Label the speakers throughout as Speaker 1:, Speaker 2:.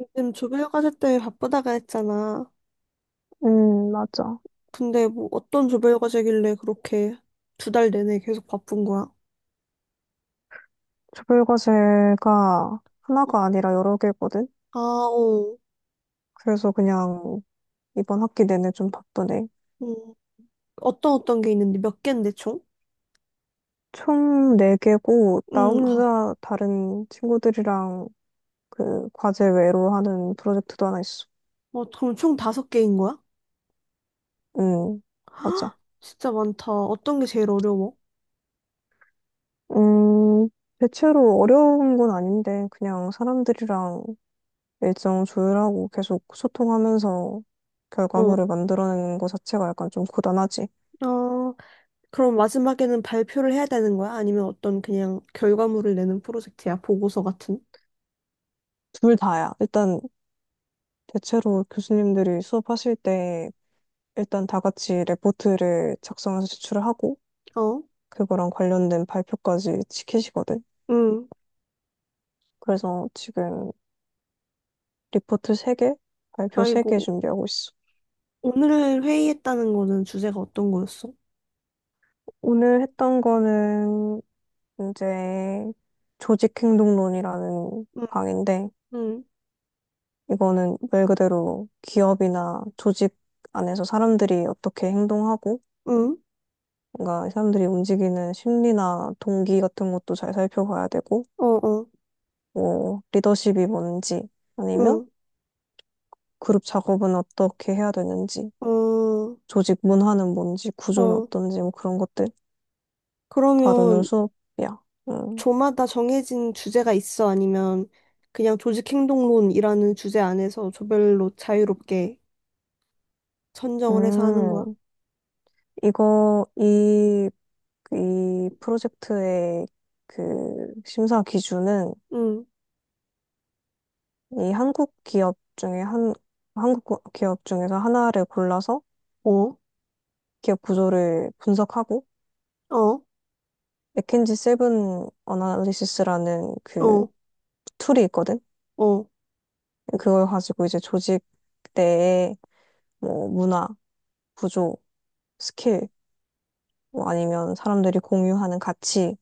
Speaker 1: 요즘 조별과제 때문에 바쁘다가 했잖아.
Speaker 2: 맞아.
Speaker 1: 근데 뭐 어떤 조별과제길래 그렇게 두 달 내내 계속 바쁜 거야?
Speaker 2: 조별과제가 하나가 아니라 여러 개거든?
Speaker 1: 아, 어.
Speaker 2: 그래서 그냥 이번 학기 내내 좀 바쁘네.
Speaker 1: 음, 어떤 게 있는데 몇 개인데 총?
Speaker 2: 총 네개고나
Speaker 1: 응, 어,
Speaker 2: 혼자 다른 친구들이랑 그 과제 외로 하는 프로젝트도 하나 있어.
Speaker 1: 어, 그럼 총 다섯 개인 거야?
Speaker 2: 음, 맞아.
Speaker 1: 헉, 진짜 많다. 어떤 게 제일 어려워?
Speaker 2: 음, 대체로 어려운 건 아닌데, 그냥 사람들이랑 일정 조율하고 계속 소통하면서
Speaker 1: 어,
Speaker 2: 결과물을 만들어내는 것 자체가 약간 좀 고단하지.
Speaker 1: 어, 그럼 마지막에는 발표를 해야 되는 거야? 아니면 어떤 그냥 결과물을 내는 프로젝트야? 보고서 같은?
Speaker 2: 둘 다야. 일단 대체로 교수님들이 수업하실 때 일단 다 같이 레포트를 작성해서 제출을 하고
Speaker 1: 어,
Speaker 2: 그거랑 관련된 발표까지 지키시거든.
Speaker 1: 응,
Speaker 2: 그래서 지금 리포트 3개, 발표
Speaker 1: 아이고.
Speaker 2: 3개 준비하고 있어.
Speaker 1: 오늘 회의했다는 거는 주제가 어떤 거였어?
Speaker 2: 오늘 했던 거는 이제 조직행동론이라는
Speaker 1: 응,
Speaker 2: 강의인데
Speaker 1: 응.
Speaker 2: 이거는 말 그대로 기업이나 조직 안에서 사람들이 어떻게 행동하고
Speaker 1: 응,
Speaker 2: 뭔가 사람들이 움직이는 심리나 동기 같은 것도 잘 살펴봐야 되고
Speaker 1: 어, 어,
Speaker 2: 뭐 리더십이 뭔지 아니면
Speaker 1: 응,
Speaker 2: 그룹 작업은 어떻게 해야 되는지
Speaker 1: 어,
Speaker 2: 조직 문화는 뭔지 구조는
Speaker 1: 어.
Speaker 2: 어떤지 뭐 그런 것들 다루는
Speaker 1: 그러면
Speaker 2: 수업이야. 음,
Speaker 1: 조마다 정해진 주제가 있어? 아니면 그냥 조직행동론이라는 주제 안에서 조별로 자유롭게 선정을 해서 하는 거야?
Speaker 2: 음 이거 이, 이 프로젝트의 그 심사 기준은
Speaker 1: 응,
Speaker 2: 이 한국 기업 중에 한 한국 고- 기업 중에서 하나를 골라서
Speaker 1: 어,
Speaker 2: 기업 구조를 분석하고
Speaker 1: 어,
Speaker 2: 맥킨지 세븐 어나리시스라는 그
Speaker 1: 어,
Speaker 2: 툴이 있거든.
Speaker 1: 어,
Speaker 2: 그걸 가지고 이제 조직 내의 뭐 문화, 구조, 스킬, 뭐 아니면 사람들이 공유하는 가치,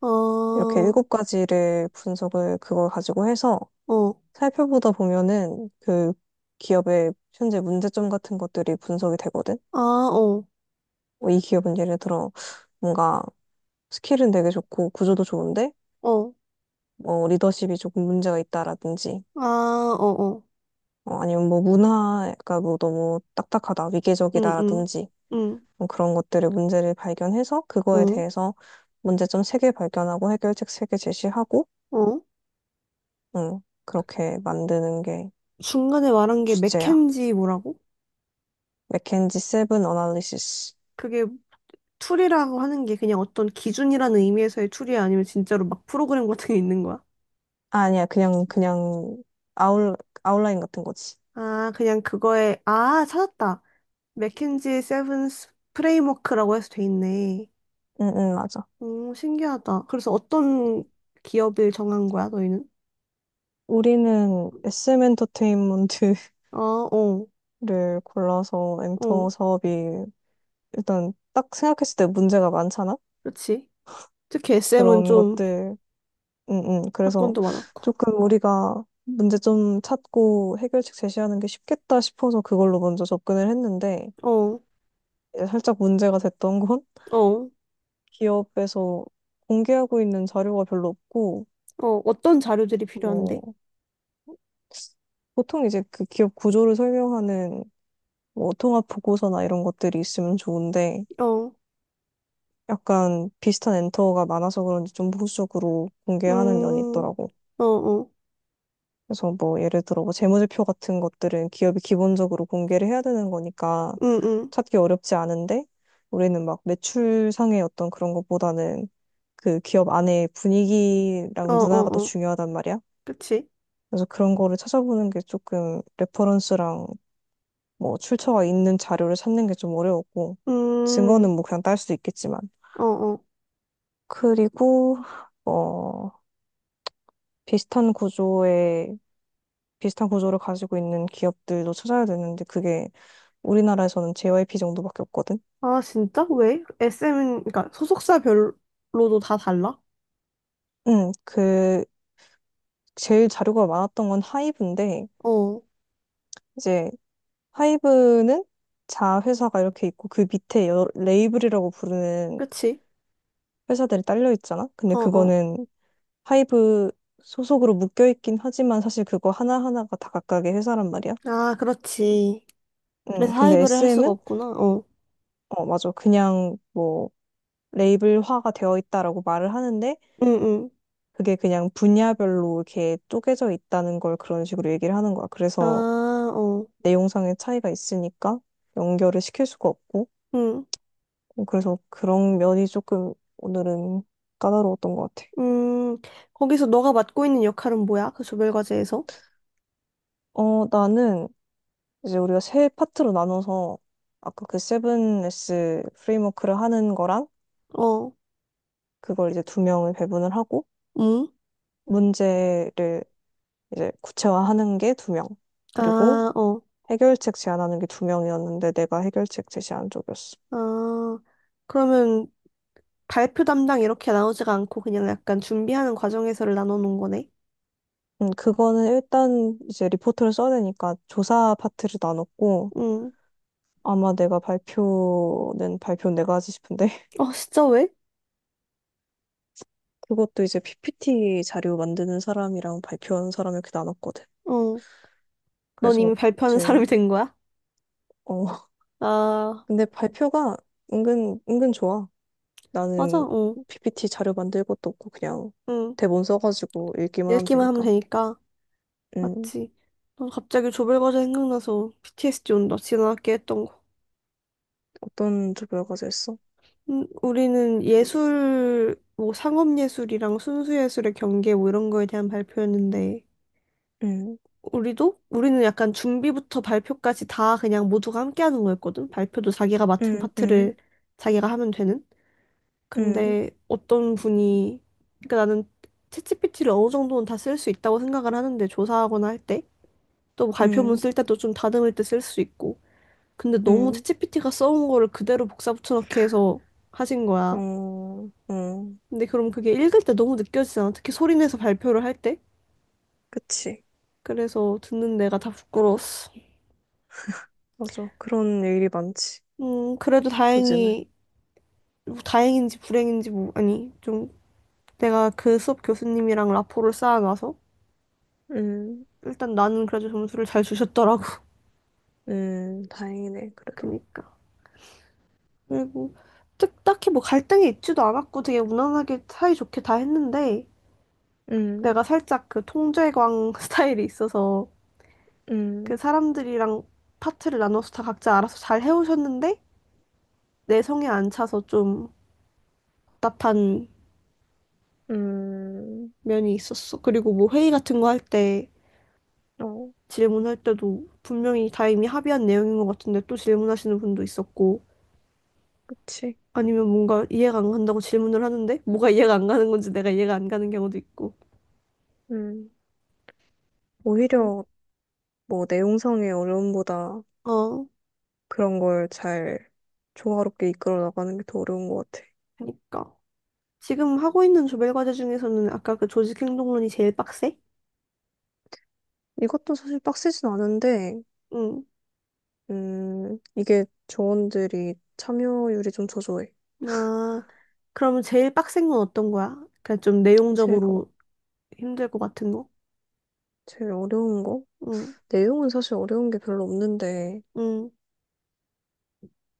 Speaker 1: 아,
Speaker 2: 이렇게 일곱 가지를 분석을 그걸 가지고 해서
Speaker 1: 어,
Speaker 2: 살펴보다 보면은 그 기업의 현재 문제점 같은 것들이 분석이 되거든.
Speaker 1: 아, 어,
Speaker 2: 뭐이 기업은 예를 들어 뭔가 스킬은 되게 좋고 구조도 좋은데
Speaker 1: 어,
Speaker 2: 뭐 리더십이 조금 문제가 있다라든지
Speaker 1: 아, 어, 어,
Speaker 2: 아니면 뭐 문화가 뭐 너무 딱딱하다,
Speaker 1: 응, 응,
Speaker 2: 위계적이다라든지
Speaker 1: 응,
Speaker 2: 뭐 그런 것들의 문제를 발견해서 그거에
Speaker 1: 어,
Speaker 2: 대해서 문제점 세 개 발견하고 해결책 세 개 제시하고
Speaker 1: 어.
Speaker 2: 그렇게 만드는 게
Speaker 1: 중간에 말한 게
Speaker 2: 주제야.
Speaker 1: 맥켄지 뭐라고?
Speaker 2: 맥켄지 세븐 어널리시스.
Speaker 1: 그게 툴이라고 하는 게 그냥 어떤 기준이라는 의미에서의 툴이 아니면 진짜로 막 프로그램 같은 게 있는 거야?
Speaker 2: 아, 아니야. 그냥 아웃 아웃라인 같은 거지.
Speaker 1: 아, 그냥 그거에, 아, 찾았다. 맥킨지 세븐스 프레임워크라고 해서 돼 있네.
Speaker 2: 응, 응, 맞아.
Speaker 1: 오 신기하다. 그래서 어떤 기업을 정한 거야, 너희는?
Speaker 2: 우리는 SM 엔터테인먼트를
Speaker 1: 어, 어,
Speaker 2: 골라서
Speaker 1: 어.
Speaker 2: 엔터 사업이 일단 딱 생각했을 때 문제가 많잖아?
Speaker 1: 그렇지. 특히 SM은
Speaker 2: 그런
Speaker 1: 좀
Speaker 2: 것들 그래서
Speaker 1: 사건도 많았고.
Speaker 2: 조금 우리가 문제 좀 찾고 해결책 제시하는 게 쉽겠다 싶어서 그걸로 먼저 접근을 했는데
Speaker 1: 어,
Speaker 2: 이제 살짝 문제가 됐던 건
Speaker 1: 어,
Speaker 2: 기업에서 공개하고 있는 자료가 별로 없고
Speaker 1: 어. 어떤 자료들이 필요한데?
Speaker 2: 뭐 보통 이제 그 기업 구조를 설명하는 뭐 통합 보고서나 이런 것들이 있으면 좋은데
Speaker 1: 어,
Speaker 2: 약간 비슷한 엔터가 많아서 그런지 좀 보수적으로 공개하는 면이
Speaker 1: 음,
Speaker 2: 있더라고.
Speaker 1: 어, 어.
Speaker 2: 그래서 뭐 예를 들어 뭐 재무제표 같은 것들은 기업이 기본적으로 공개를 해야 되는 거니까
Speaker 1: 응, 응.
Speaker 2: 찾기 어렵지 않은데 우리는 막 매출상의 어떤 그런 것보다는 그 기업 안의
Speaker 1: 어,
Speaker 2: 분위기랑 문화가 더
Speaker 1: 어, 어.
Speaker 2: 중요하단 말이야.
Speaker 1: 그치.
Speaker 2: 그래서 그런 거를 찾아보는 게 조금 레퍼런스랑 뭐 출처가 있는 자료를 찾는 게 좀 어려웠고 증거는
Speaker 1: 음,
Speaker 2: 뭐 그냥 딸 수 있겠지만
Speaker 1: 어, 어.
Speaker 2: 그리고 어 비슷한 구조의 비슷한 구조를 가지고 있는 기업들도 찾아야 되는데 그게 우리나라에서는 JYP 정도밖에 없거든.
Speaker 1: 아, 진짜? 왜? SM은, 그러니까 소속사별로도 다 달라?
Speaker 2: 그 제일 자료가 많았던 건 하이브인데
Speaker 1: 어,
Speaker 2: 이제 하이브는 자회사가 이렇게 있고 그 밑에 레이블이라고 부르는
Speaker 1: 그치?
Speaker 2: 회사들이 딸려 있잖아. 근데
Speaker 1: 어, 어.
Speaker 2: 그거는 하이브 소속으로 묶여 있긴 하지만 사실 그거 하나하나가 다 각각의 회사란 말이야.
Speaker 1: 아, 그렇지. 그래서
Speaker 2: 근데
Speaker 1: 하이브를 할 수가
Speaker 2: SM은
Speaker 1: 없구나. 어.
Speaker 2: 어, 맞아. 그냥 뭐 레이블화가 되어 있다라고 말을 하는데
Speaker 1: 응, 응.
Speaker 2: 그게 그냥 분야별로 이렇게 쪼개져 있다는 걸 그런 식으로 얘기를 하는 거야.
Speaker 1: 아,
Speaker 2: 그래서
Speaker 1: 어.
Speaker 2: 내용상의 차이가 있으니까 연결을 시킬 수가 없고
Speaker 1: 응.
Speaker 2: 그래서 그런 면이 조금 오늘은 까다로웠던 것 같아.
Speaker 1: 음, 거기서 너가 맡고 있는 역할은 뭐야? 그 조별과제에서?
Speaker 2: 나는 이제 우리가 세 파트로 나눠서 아까 그 7S 프레임워크를 하는 거랑
Speaker 1: 어.
Speaker 2: 그걸 이제 두 명을 배분을 하고
Speaker 1: 응?
Speaker 2: 문제를 이제 구체화하는 게 두 명, 그리고
Speaker 1: 아, 어.
Speaker 2: 해결책 제안하는 게 두 명이었는데 내가 해결책 제시한 쪽이었어.
Speaker 1: 아, 그러면 발표 담당 이렇게 나오지가 않고 그냥 약간 준비하는 과정에서를 나눠 놓은 거네?
Speaker 2: 그거는 일단 이제 리포트를 써야 되니까 조사 파트를 나눴고
Speaker 1: 응.
Speaker 2: 아마 내가 발표는 내가 하지 싶은데
Speaker 1: 어, 진짜 왜?
Speaker 2: 그것도 이제 PPT 자료 만드는 사람이랑 발표하는 사람 이렇게 나눴거든.
Speaker 1: 어. 넌
Speaker 2: 그래서
Speaker 1: 이미 발표하는
Speaker 2: 이제
Speaker 1: 사람이 된 거야?
Speaker 2: 어
Speaker 1: 아,
Speaker 2: 근데 발표가 은근 은근 좋아.
Speaker 1: 맞아,
Speaker 2: 나는
Speaker 1: 응,
Speaker 2: PPT 자료 만들 것도 없고 그냥
Speaker 1: 응.
Speaker 2: 대본 써가지고 읽기만 하면
Speaker 1: 읽기만 하면
Speaker 2: 되니까.
Speaker 1: 되니까.
Speaker 2: 음
Speaker 1: 맞지. 난 갑자기 조별과제 생각나서 b t s d 온다. 지난학기 했던 거.
Speaker 2: 어떤 조별 과제 했어?
Speaker 1: 우리는 예술, 뭐 상업예술이랑 순수예술의 경계 뭐 이런 거에 대한 발표였는데,
Speaker 2: 음.
Speaker 1: 우리도? 우리는 약간 준비부터 발표까지 다 그냥 모두가 함께 하는 거였거든. 발표도 자기가 맡은
Speaker 2: 음. 음.
Speaker 1: 파트를 자기가 하면 되는. 근데 어떤 분이, 그러니까 나는 챗GPT를 어느 정도는 다 쓸 수 있다고 생각을 하는데, 조사하거나 할 때. 또
Speaker 2: 음.
Speaker 1: 발표문
Speaker 2: 음.
Speaker 1: 쓸 때도 좀 다듬을 때 쓸 수 있고. 근데 너무
Speaker 2: 음.
Speaker 1: 챗GPT가 써온 거를 그대로 복사 붙여넣기 해서 하신 거야.
Speaker 2: 어, 어
Speaker 1: 근데 그럼 그게 읽을 때 너무 느껴지잖아. 특히 소리 내서 발표를 할 때.
Speaker 2: 그치.
Speaker 1: 그래서 듣는 내가 다 부끄러웠어.
Speaker 2: 맞아. 그런 일이 많지,
Speaker 1: 그래도
Speaker 2: 요즘은.
Speaker 1: 다행히, 뭐 다행인지 불행인지 뭐, 아니, 좀 내가 그 수업 교수님이랑 라포를 쌓아가서
Speaker 2: 음.
Speaker 1: 일단 나는 그래도 점수를 잘 주셨더라고.
Speaker 2: 다행이네, 그래도.
Speaker 1: 그니까. 그리고 딱히 뭐 갈등이 있지도 않았고 되게 무난하게 사이좋게 다 했는데
Speaker 2: 음,
Speaker 1: 내가 살짝 그 통제광 스타일이 있어서 그
Speaker 2: 음,
Speaker 1: 사람들이랑 파트를 나눠서 다 각자 알아서 잘 해오셨는데 내 성에 안 차서 좀 답답한
Speaker 2: 음,
Speaker 1: 면이 있었어. 그리고 뭐 회의 같은 거 할 때
Speaker 2: 어,
Speaker 1: 질문할 때도 분명히 다 이미 합의한 내용인 것 같은데 또 질문하시는 분도 있었고
Speaker 2: 그치.
Speaker 1: 아니면 뭔가 이해가 안 간다고 질문을 하는데 뭐가 이해가 안 가는 건지 내가 이해가 안 가는 경우도 있고.
Speaker 2: 음,
Speaker 1: 어,
Speaker 2: 오히려 뭐 내용상의 어려움보다
Speaker 1: 어,
Speaker 2: 그런 걸 잘 조화롭게 이끌어 나가는 게 더 어려운 것 같아.
Speaker 1: 그러니까. 지금 하고 있는 조별 과제 중에서는 아까 그 조직 행동론이 제일 빡세?
Speaker 2: 이것도 사실 빡세진 않은데,
Speaker 1: 응.
Speaker 2: 이게 조원들이 참여율이 좀 저조해.
Speaker 1: 아, 그러면 제일 빡센 건 어떤 거야? 그냥 좀
Speaker 2: 제일, 어-
Speaker 1: 내용적으로 힘들 것 같은 거?
Speaker 2: 제일 어려운 거?
Speaker 1: 응,
Speaker 2: 내용은 사실 어려운 게 별로 없는데,
Speaker 1: 응.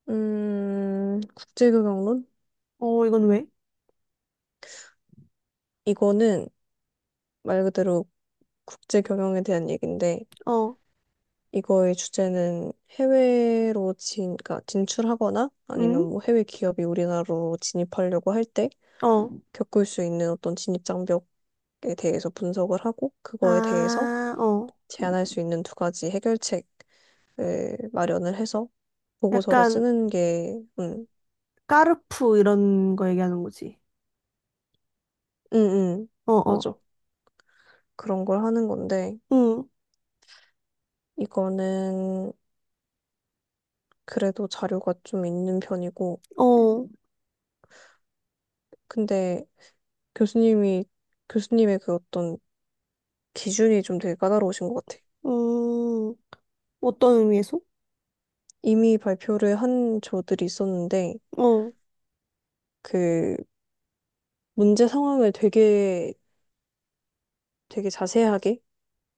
Speaker 2: 국제교양론?
Speaker 1: 어, 이건 왜?
Speaker 2: 이거는 말 그대로 국제 경영에 대한 얘기인데
Speaker 1: 어,
Speaker 2: 이거의 주제는 그러니까 진출하거나 아니면
Speaker 1: 응?
Speaker 2: 뭐 해외 기업이 우리나라로 진입하려고 할 때
Speaker 1: 어.
Speaker 2: 겪을 수 있는 어떤 진입 장벽에 대해서 분석을 하고 그거에 대해서
Speaker 1: 아, 어.
Speaker 2: 제안할 수 있는 두 가지 해결책을 마련을 해서 보고서를
Speaker 1: 약간
Speaker 2: 쓰는 게, 음,
Speaker 1: 까르푸 이런 거 얘기하는 거지.
Speaker 2: 음, 음,
Speaker 1: 어, 어.
Speaker 2: 맞아. 그런 걸 하는 건데
Speaker 1: 응,
Speaker 2: 이거는 그래도 자료가 좀 있는 편이고
Speaker 1: 어.
Speaker 2: 근데 교수님이 교수님의 그 어떤 기준이 좀 되게 까다로우신 것 같아요.
Speaker 1: 음, 어떤 의미에서?
Speaker 2: 이미 발표를 한 저들이 있었는데,
Speaker 1: 어.
Speaker 2: 그 문제 상황을 되게, 되게 자세하게,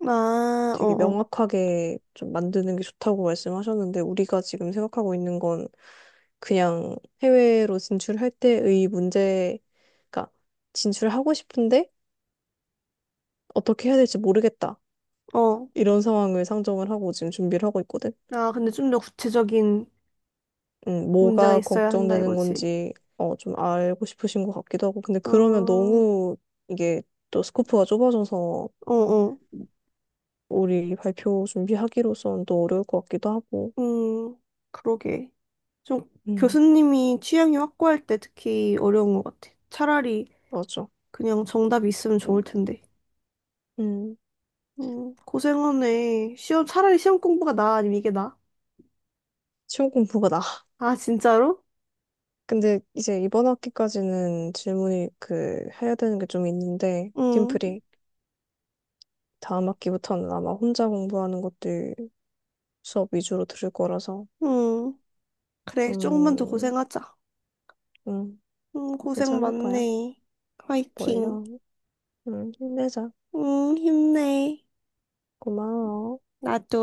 Speaker 1: 아,
Speaker 2: 되게
Speaker 1: 어,
Speaker 2: 명확하게 좀 만드는 게 좋다고 말씀하셨는데, 우리가 지금 생각하고 있는 건 그냥 해외로 진출할 때의 문제, 그러니까 진출하고 싶은데 어떻게 해야 될지 모르겠다.
Speaker 1: 어. 어.
Speaker 2: 이런 상황을 상정을 하고 지금 준비를 하고 있거든.
Speaker 1: 아, 근데 좀 더 구체적인 문제가
Speaker 2: 뭐가
Speaker 1: 있어야 한다
Speaker 2: 걱정되는
Speaker 1: 이거지.
Speaker 2: 건지 좀 알고 싶으신 것 같기도 하고. 근데
Speaker 1: 어,
Speaker 2: 그러면
Speaker 1: 어,
Speaker 2: 너무 이게 또 스코프가 좁아져서
Speaker 1: 어.
Speaker 2: 우리 발표 준비하기로선 또 어려울 것 같기도 하고.
Speaker 1: 음, 그러게. 좀
Speaker 2: 음,
Speaker 1: 교수님이 취향이 확고할 때 특히 어려운 것 같아. 차라리
Speaker 2: 맞아.
Speaker 1: 그냥 정답이 있으면 좋을 텐데.
Speaker 2: 음,
Speaker 1: 고생하네. 시험, 차라리 시험 공부가 나 아니면 이게 나?
Speaker 2: 시험 공부가 나.
Speaker 1: 아, 진짜로?
Speaker 2: 근데 이제 이번 학기까지는 질문이 그 해야 되는 게 좀 있는데
Speaker 1: 응,
Speaker 2: 팀플이 다음 학기부터는 아마 혼자 공부하는 것들 수업 위주로 들을 거라서
Speaker 1: 응. 그래, 조금만 더
Speaker 2: 좀
Speaker 1: 고생하자.
Speaker 2: 음,
Speaker 1: 응, 고생
Speaker 2: 괜찮을 거야.
Speaker 1: 많네. 화이팅.
Speaker 2: 멀려. 힘내자.
Speaker 1: 응, 힘내.
Speaker 2: 고마워.
Speaker 1: 나도.